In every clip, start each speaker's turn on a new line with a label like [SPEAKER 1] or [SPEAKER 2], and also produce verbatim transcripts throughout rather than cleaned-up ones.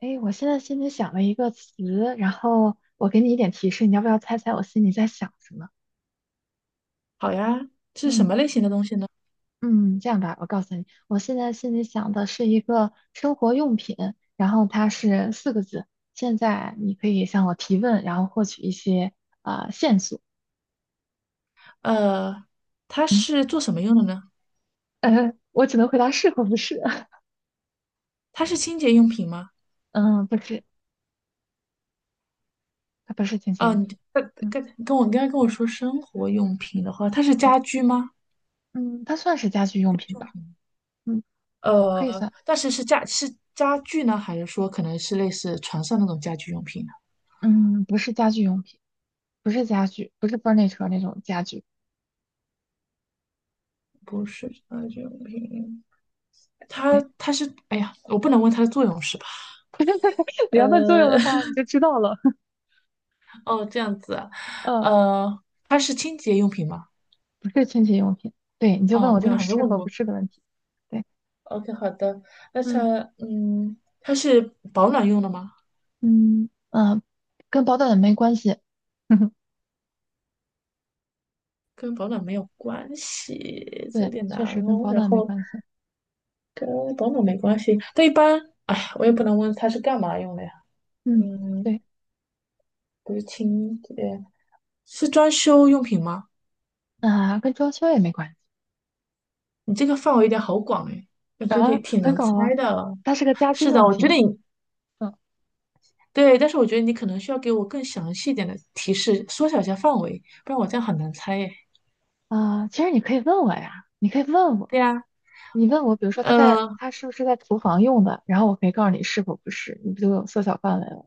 [SPEAKER 1] 哎，诶我现在心里想了一个词，然后我给你一点提示，你要不要猜猜我心里在想什么？
[SPEAKER 2] 好呀，是什
[SPEAKER 1] 嗯
[SPEAKER 2] 么类型的东西呢？
[SPEAKER 1] 嗯，这样吧，我告诉你，我现在心里想的是一个生活用品，然后它是四个字。现在你可以向我提问，然后获取一些啊、呃线索。
[SPEAKER 2] 呃，它
[SPEAKER 1] 嗯，
[SPEAKER 2] 是做什么用的呢？
[SPEAKER 1] 呃，我只能回答是或不是。
[SPEAKER 2] 它是清洁用品吗？
[SPEAKER 1] 嗯，不是，它不是清洁
[SPEAKER 2] 哦，
[SPEAKER 1] 用
[SPEAKER 2] 你
[SPEAKER 1] 品。
[SPEAKER 2] 跟
[SPEAKER 1] 嗯
[SPEAKER 2] 跟跟我你刚才跟我说生活用品的话，它是
[SPEAKER 1] 嗯
[SPEAKER 2] 家居吗？
[SPEAKER 1] 嗯，它算是家居用品
[SPEAKER 2] 用
[SPEAKER 1] 吧？
[SPEAKER 2] 品。
[SPEAKER 1] 嗯，可以
[SPEAKER 2] 呃，
[SPEAKER 1] 算。
[SPEAKER 2] 但是是家是家具呢，还是说可能是类似床上那种家居用品呢？
[SPEAKER 1] 嗯，不是家居用品，不是家具，不是 furniture 那种家具。
[SPEAKER 2] 不是家居用品，它
[SPEAKER 1] 对，
[SPEAKER 2] 它是，哎呀，我不能问它的作用是吧？
[SPEAKER 1] 你要问作用
[SPEAKER 2] 呃，
[SPEAKER 1] 的话，你就知道了。
[SPEAKER 2] 哦，这样子啊，
[SPEAKER 1] 嗯，
[SPEAKER 2] 呃，它是清洁用品吗？
[SPEAKER 1] 不是清洁用品。对，你就问
[SPEAKER 2] 哦，
[SPEAKER 1] 我
[SPEAKER 2] 我
[SPEAKER 1] 这
[SPEAKER 2] 跟他
[SPEAKER 1] 种
[SPEAKER 2] 好像
[SPEAKER 1] 是
[SPEAKER 2] 问
[SPEAKER 1] 和不
[SPEAKER 2] 过。
[SPEAKER 1] 是的问题。对，
[SPEAKER 2] OK，好的，那
[SPEAKER 1] 嗯
[SPEAKER 2] 它，嗯，它是保暖用的吗？
[SPEAKER 1] 嗯嗯，呃跟保暖没关系。
[SPEAKER 2] 跟保暖没有关系，这有
[SPEAKER 1] 对，
[SPEAKER 2] 点难
[SPEAKER 1] 确实跟
[SPEAKER 2] 哦。
[SPEAKER 1] 保
[SPEAKER 2] 然
[SPEAKER 1] 暖没
[SPEAKER 2] 后
[SPEAKER 1] 关系。
[SPEAKER 2] 跟保暖没关系，但一般，哎，我也
[SPEAKER 1] 嗯
[SPEAKER 2] 不能问它是干嘛用的呀。
[SPEAKER 1] 嗯，
[SPEAKER 2] 嗯，
[SPEAKER 1] 对
[SPEAKER 2] 不是清洁，是装修用品吗？
[SPEAKER 1] 啊，跟装修也没关系。
[SPEAKER 2] 你这个范围有点好广哎，感觉得
[SPEAKER 1] 啊，
[SPEAKER 2] 挺
[SPEAKER 1] 很
[SPEAKER 2] 难
[SPEAKER 1] 搞
[SPEAKER 2] 猜
[SPEAKER 1] 啊，
[SPEAKER 2] 的。
[SPEAKER 1] 它是个家居
[SPEAKER 2] 是的，
[SPEAKER 1] 用
[SPEAKER 2] 我觉得
[SPEAKER 1] 品。
[SPEAKER 2] 你
[SPEAKER 1] 嗯
[SPEAKER 2] 对，但是我觉得你可能需要给我更详细一点的提示，缩小一下范围，不然我这样很难猜耶。
[SPEAKER 1] 啊，其实你可以问我呀，你可以问我，
[SPEAKER 2] 对呀，
[SPEAKER 1] 你问我，比如说它在
[SPEAKER 2] 嗯。
[SPEAKER 1] 它是不是在厨房用的，然后我可以告诉你是否不是，你不就有缩小范围了？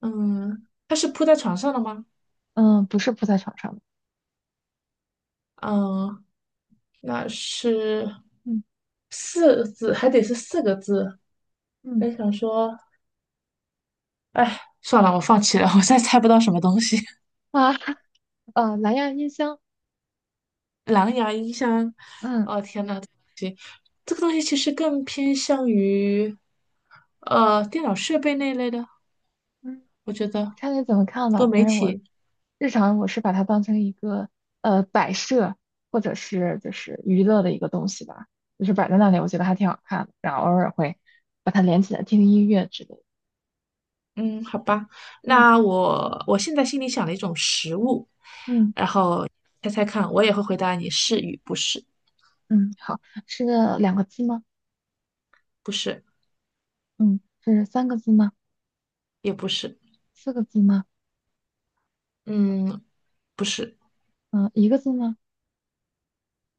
[SPEAKER 2] 嗯，它是铺在床上的吗？
[SPEAKER 1] 嗯，不是铺在床上的。
[SPEAKER 2] 嗯，那是
[SPEAKER 1] 嗯。
[SPEAKER 2] 四个字，还得是四个字。
[SPEAKER 1] 嗯
[SPEAKER 2] 我想说，哎，算了，我放弃了，我再猜不到什么东西。
[SPEAKER 1] 啊呃，蓝牙音箱。
[SPEAKER 2] 蓝牙音箱，
[SPEAKER 1] 嗯
[SPEAKER 2] 哦天呐，行，这个东西其实更偏向于呃电脑设备那一类的，
[SPEAKER 1] 嗯，
[SPEAKER 2] 我觉得
[SPEAKER 1] 看你怎么看
[SPEAKER 2] 多
[SPEAKER 1] 吧。
[SPEAKER 2] 媒
[SPEAKER 1] 反正我
[SPEAKER 2] 体。
[SPEAKER 1] 日常我是把它当成一个呃摆设或者是就是娱乐的一个东西吧，就是摆在那里，我觉得还挺好看的。然后偶尔会把它连起来听音乐之类的。
[SPEAKER 2] 嗯，好吧，
[SPEAKER 1] 嗯，
[SPEAKER 2] 那我我现在心里想了一种食物，
[SPEAKER 1] 嗯
[SPEAKER 2] 然后猜猜看，我也会回答你是与不是，
[SPEAKER 1] 嗯，好，是两个字吗？
[SPEAKER 2] 不是。
[SPEAKER 1] 嗯，是三个字吗？
[SPEAKER 2] 也不是，
[SPEAKER 1] 四个字吗？
[SPEAKER 2] 嗯，不是，
[SPEAKER 1] 嗯、一个字吗？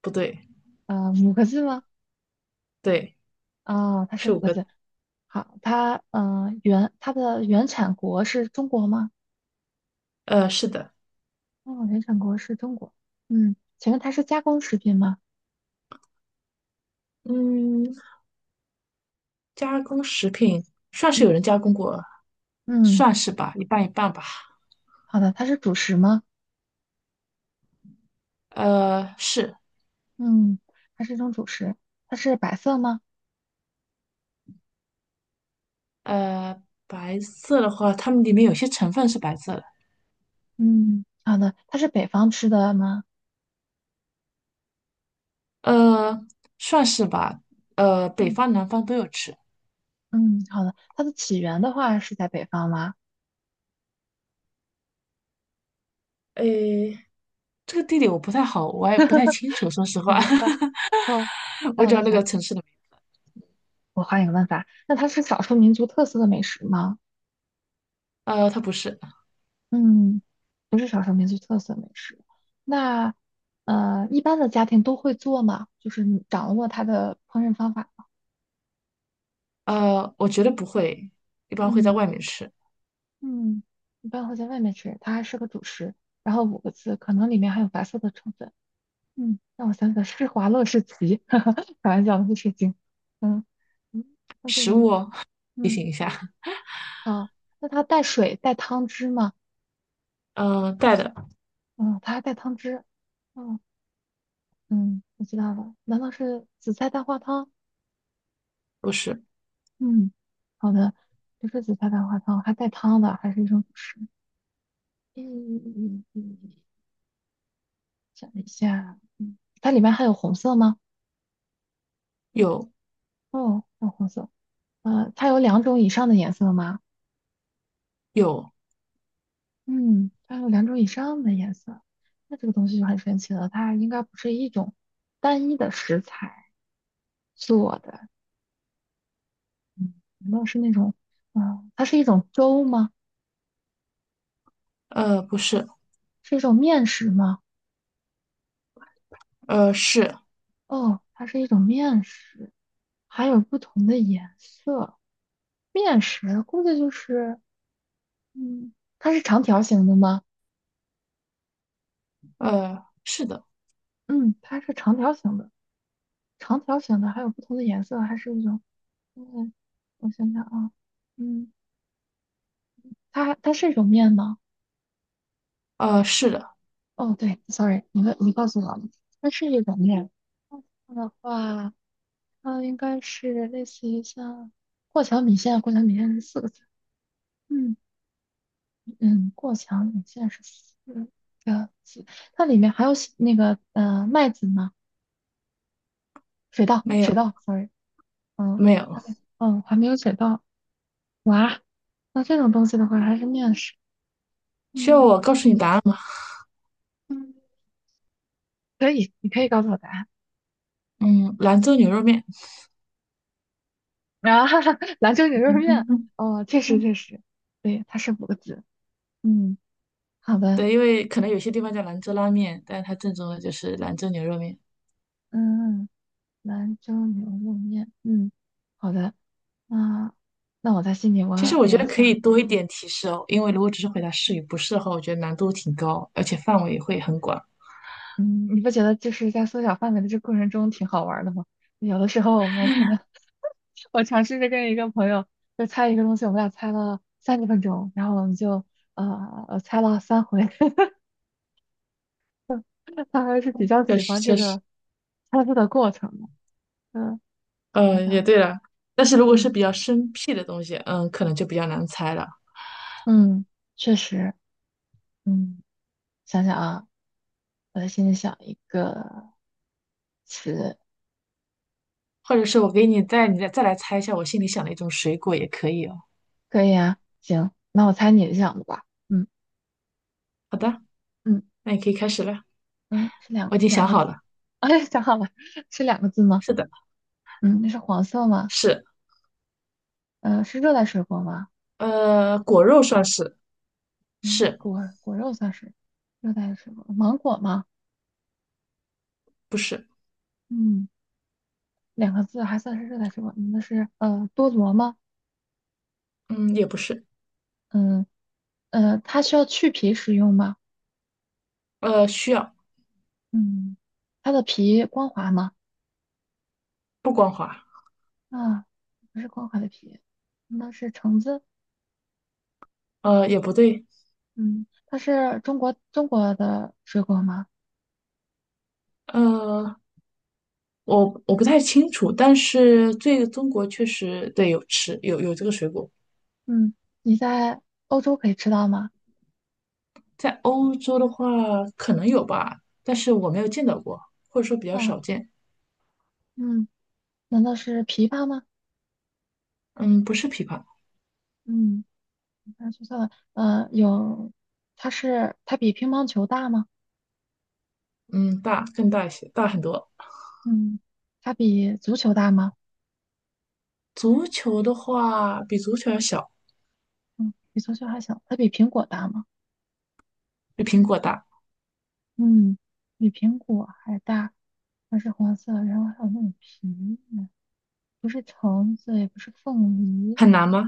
[SPEAKER 2] 不对，
[SPEAKER 1] 呃，五个字吗？
[SPEAKER 2] 对，
[SPEAKER 1] 啊、它是
[SPEAKER 2] 是
[SPEAKER 1] 五
[SPEAKER 2] 五
[SPEAKER 1] 个
[SPEAKER 2] 个，
[SPEAKER 1] 字。好，它呃原它的原产国是中国吗？
[SPEAKER 2] 呃，是的，
[SPEAKER 1] 哦，联想国是中国。嗯，请问它是加工食品吗？
[SPEAKER 2] 嗯，加工食品算是有
[SPEAKER 1] 嗯
[SPEAKER 2] 人加工过，
[SPEAKER 1] 嗯，
[SPEAKER 2] 算是吧，一半一半吧，
[SPEAKER 1] 好的，它是主食吗？
[SPEAKER 2] 呃，是，
[SPEAKER 1] 嗯，它是一种主食。它是白色吗？
[SPEAKER 2] 呃，白色的话，它们里面有些成分是白色的，
[SPEAKER 1] 嗯，好的，它是北方吃的吗？
[SPEAKER 2] 呃，算是吧，呃，北
[SPEAKER 1] 嗯
[SPEAKER 2] 方南方都有吃，
[SPEAKER 1] 嗯，好的。它的起源的话是在北方吗？
[SPEAKER 2] 诶，这个地理我不太好，我也不太清楚，说实
[SPEAKER 1] 我
[SPEAKER 2] 话，
[SPEAKER 1] 不知道。哦，那
[SPEAKER 2] 我
[SPEAKER 1] 我
[SPEAKER 2] 只
[SPEAKER 1] 再
[SPEAKER 2] 要那
[SPEAKER 1] 想
[SPEAKER 2] 个
[SPEAKER 1] 想，
[SPEAKER 2] 城市的名，
[SPEAKER 1] 我换一个问法。那它是少数民族特色的美食吗？
[SPEAKER 2] 呃，它不是，
[SPEAKER 1] 嗯，不是少数民族特色美食。那呃，一般的家庭都会做吗？就是你掌握它的烹饪方法。
[SPEAKER 2] 呃，我觉得不会，一般会在外
[SPEAKER 1] 嗯
[SPEAKER 2] 面吃。
[SPEAKER 1] 嗯，一般会在外面吃，它还是个主食，然后五个字，可能里面还有白色的成分。嗯，让我想想，施华洛世奇，哈哈，开玩笑，不是精。嗯嗯，那这个
[SPEAKER 2] 食
[SPEAKER 1] 东西，
[SPEAKER 2] 物，
[SPEAKER 1] 嗯，好，那它带水带汤汁吗？
[SPEAKER 2] 嗯，呃带的
[SPEAKER 1] 嗯，它还带汤汁。嗯嗯，我知道了，难道是紫菜蛋花汤？
[SPEAKER 2] 不是，
[SPEAKER 1] 嗯，好的，不是紫菜蛋花汤，还带汤的，还是一种主食。嗯嗯嗯嗯，想一下，嗯，它里面还有红色吗？
[SPEAKER 2] 有
[SPEAKER 1] 哦，淡红色。呃，它有两种以上的颜色吗？
[SPEAKER 2] 有，
[SPEAKER 1] 嗯，它有两种以上的颜色，那这个东西就很神奇了。它应该不是一种单一的食材做的，嗯，难道是那种，嗯，它是一种粥吗？
[SPEAKER 2] 呃，不是，
[SPEAKER 1] 是一种面食吗？
[SPEAKER 2] 呃，是，
[SPEAKER 1] 哦，它是一种面食，还有不同的颜色。面食估计就是，嗯，它是长条形的吗？
[SPEAKER 2] 呃，是的，
[SPEAKER 1] 嗯，它是长条形的，长条形的还有不同的颜色，还是一种。嗯，我想想啊，嗯，它它是一种面吗？
[SPEAKER 2] 呃，是的，
[SPEAKER 1] 哦，对，sorry，你问你告诉我了它是一种面。它的话，它应该是类似于像过桥米线，过桥米线是四个字。嗯嗯，过桥米线是四个字。它里面还有西那个呃麦子吗？水稻，
[SPEAKER 2] 没
[SPEAKER 1] 水
[SPEAKER 2] 有
[SPEAKER 1] 稻，sorry，嗯，
[SPEAKER 2] 没
[SPEAKER 1] 还
[SPEAKER 2] 有，
[SPEAKER 1] 没嗯还没有水稻。哇，那这种东西的话还是面食。
[SPEAKER 2] 需要我
[SPEAKER 1] 嗯
[SPEAKER 2] 告诉你答案吗？
[SPEAKER 1] 嗯，可以，你可以告诉我答案。
[SPEAKER 2] 嗯，兰州牛肉面，
[SPEAKER 1] 啊，哈哈，兰州牛 肉面，
[SPEAKER 2] 嗯
[SPEAKER 1] 哦，确实确实，对，它是五个字。嗯，好的，
[SPEAKER 2] 对，因为可能有些地方叫兰州拉面，但是它正宗的就是兰州牛肉面。
[SPEAKER 1] 嗯，兰州牛肉面，嗯，好的，啊，那我在心里
[SPEAKER 2] 其实
[SPEAKER 1] 我
[SPEAKER 2] 我觉
[SPEAKER 1] 也
[SPEAKER 2] 得可以
[SPEAKER 1] 想，
[SPEAKER 2] 多一点提示哦，因为如果只是回答是与不是的话，我觉得难度挺高，而且范围会很广。
[SPEAKER 1] 嗯，你不觉得就是在缩小范围的这过程中挺好玩儿的吗？有的时候我们可能 我尝试着跟一个朋友就猜一个东西，我们俩猜了三十分钟，然后我们就呃呃猜了三回，他还是比较
[SPEAKER 2] 确
[SPEAKER 1] 喜
[SPEAKER 2] 实，
[SPEAKER 1] 欢这
[SPEAKER 2] 确实，
[SPEAKER 1] 个猜字的过程的。嗯，你想
[SPEAKER 2] 嗯，也
[SPEAKER 1] 想。
[SPEAKER 2] 对了。但是如果
[SPEAKER 1] 嗯
[SPEAKER 2] 是比较生僻的东西，嗯，可能就比较难猜了。
[SPEAKER 1] 嗯，确实，嗯，想想啊，我在心里想一个词，
[SPEAKER 2] 或者是我给你再你再再来猜一下我心里想的一种水果也可以哦。
[SPEAKER 1] 可以啊，行，那我猜你想的吧，嗯
[SPEAKER 2] 好的，
[SPEAKER 1] 嗯
[SPEAKER 2] 那你可以开始了，
[SPEAKER 1] 嗯，是两
[SPEAKER 2] 我已经
[SPEAKER 1] 两
[SPEAKER 2] 想
[SPEAKER 1] 个
[SPEAKER 2] 好
[SPEAKER 1] 字，
[SPEAKER 2] 了。
[SPEAKER 1] 哎，想好了，是两个字吗？
[SPEAKER 2] 是的，
[SPEAKER 1] 嗯，那是黄色吗？
[SPEAKER 2] 是，
[SPEAKER 1] 呃，是热带水果吗？
[SPEAKER 2] 呃，果肉算是，
[SPEAKER 1] 嗯，
[SPEAKER 2] 是
[SPEAKER 1] 果果肉算是热带水果，芒果吗？
[SPEAKER 2] 不是？
[SPEAKER 1] 嗯，两个字还算是热带水果，嗯那是呃多萝吗？
[SPEAKER 2] 嗯，也不是，
[SPEAKER 1] 嗯呃，它需要去皮食用吗？
[SPEAKER 2] 呃，需要
[SPEAKER 1] 嗯，它的皮光滑吗？
[SPEAKER 2] 不光滑，
[SPEAKER 1] 啊，不是光滑的皮，那是橙子。
[SPEAKER 2] 呃，也不对，
[SPEAKER 1] 嗯，它是中国中国的水果吗？
[SPEAKER 2] 呃，我我不太清楚，但是这个中国确实对有吃有有这个水果，
[SPEAKER 1] 嗯，你在欧洲可以吃到吗？
[SPEAKER 2] 在欧洲的话可能有吧，但是我没有见到过，或者说比较
[SPEAKER 1] 啊，
[SPEAKER 2] 少见。
[SPEAKER 1] 嗯，难道是枇杷吗？
[SPEAKER 2] 嗯，不是枇杷，
[SPEAKER 1] 嗯，那说错了。呃，有，它是它比乒乓球大吗？
[SPEAKER 2] 嗯，大更大一些，大很多。
[SPEAKER 1] 嗯，它比足球大吗？
[SPEAKER 2] 足球的话，比足球要小，
[SPEAKER 1] 嗯，比足球还小。它比苹果大吗？
[SPEAKER 2] 比苹果大，
[SPEAKER 1] 嗯，比苹果还大。它是黄色，然后还有那种皮，不是橙子，也不是凤梨。
[SPEAKER 2] 很难吗？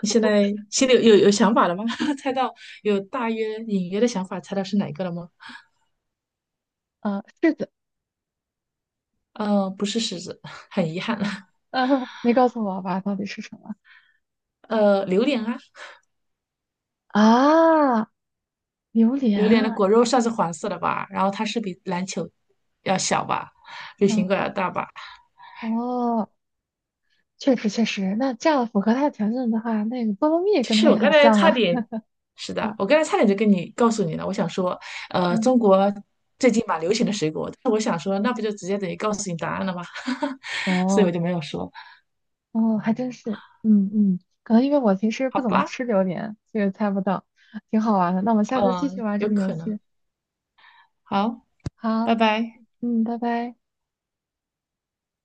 [SPEAKER 2] 你 现在心里有有有想法了吗？猜到有大约隐约的想法，猜到是哪个了吗？
[SPEAKER 1] 啊，柿子，
[SPEAKER 2] 呃，不是柿子，很遗憾。
[SPEAKER 1] 啊呃，你告诉我吧，到底是什么？
[SPEAKER 2] 呃，榴莲啊，
[SPEAKER 1] 啊，榴莲
[SPEAKER 2] 榴莲的
[SPEAKER 1] 啊，
[SPEAKER 2] 果肉算是黄色的吧，然后它是比篮球要小吧，比
[SPEAKER 1] 嗯，
[SPEAKER 2] 苹果要大吧。
[SPEAKER 1] 哦，确实确实，那这样符合它的条件的话，那个菠萝蜜
[SPEAKER 2] 其
[SPEAKER 1] 跟它
[SPEAKER 2] 实
[SPEAKER 1] 也
[SPEAKER 2] 我刚
[SPEAKER 1] 很
[SPEAKER 2] 才
[SPEAKER 1] 像
[SPEAKER 2] 差
[SPEAKER 1] 啊。
[SPEAKER 2] 点，是的，
[SPEAKER 1] 哦，
[SPEAKER 2] 我刚才差点就跟你告诉你了。我想说，呃，
[SPEAKER 1] 嗯，
[SPEAKER 2] 中国最近蛮流行的水果，但是我想说，那不就直接等于告诉你答案了吗？所以我
[SPEAKER 1] 哦，
[SPEAKER 2] 就没有说，
[SPEAKER 1] 哦，还真是，嗯嗯，可能因为我平时
[SPEAKER 2] 好
[SPEAKER 1] 不怎么
[SPEAKER 2] 吧，
[SPEAKER 1] 吃榴莲，所以猜不到，挺好玩的。那我们下次继续
[SPEAKER 2] 嗯、
[SPEAKER 1] 玩这
[SPEAKER 2] 有
[SPEAKER 1] 个游
[SPEAKER 2] 可能。
[SPEAKER 1] 戏。
[SPEAKER 2] 好，
[SPEAKER 1] 好，
[SPEAKER 2] 拜拜。
[SPEAKER 1] 嗯，拜拜。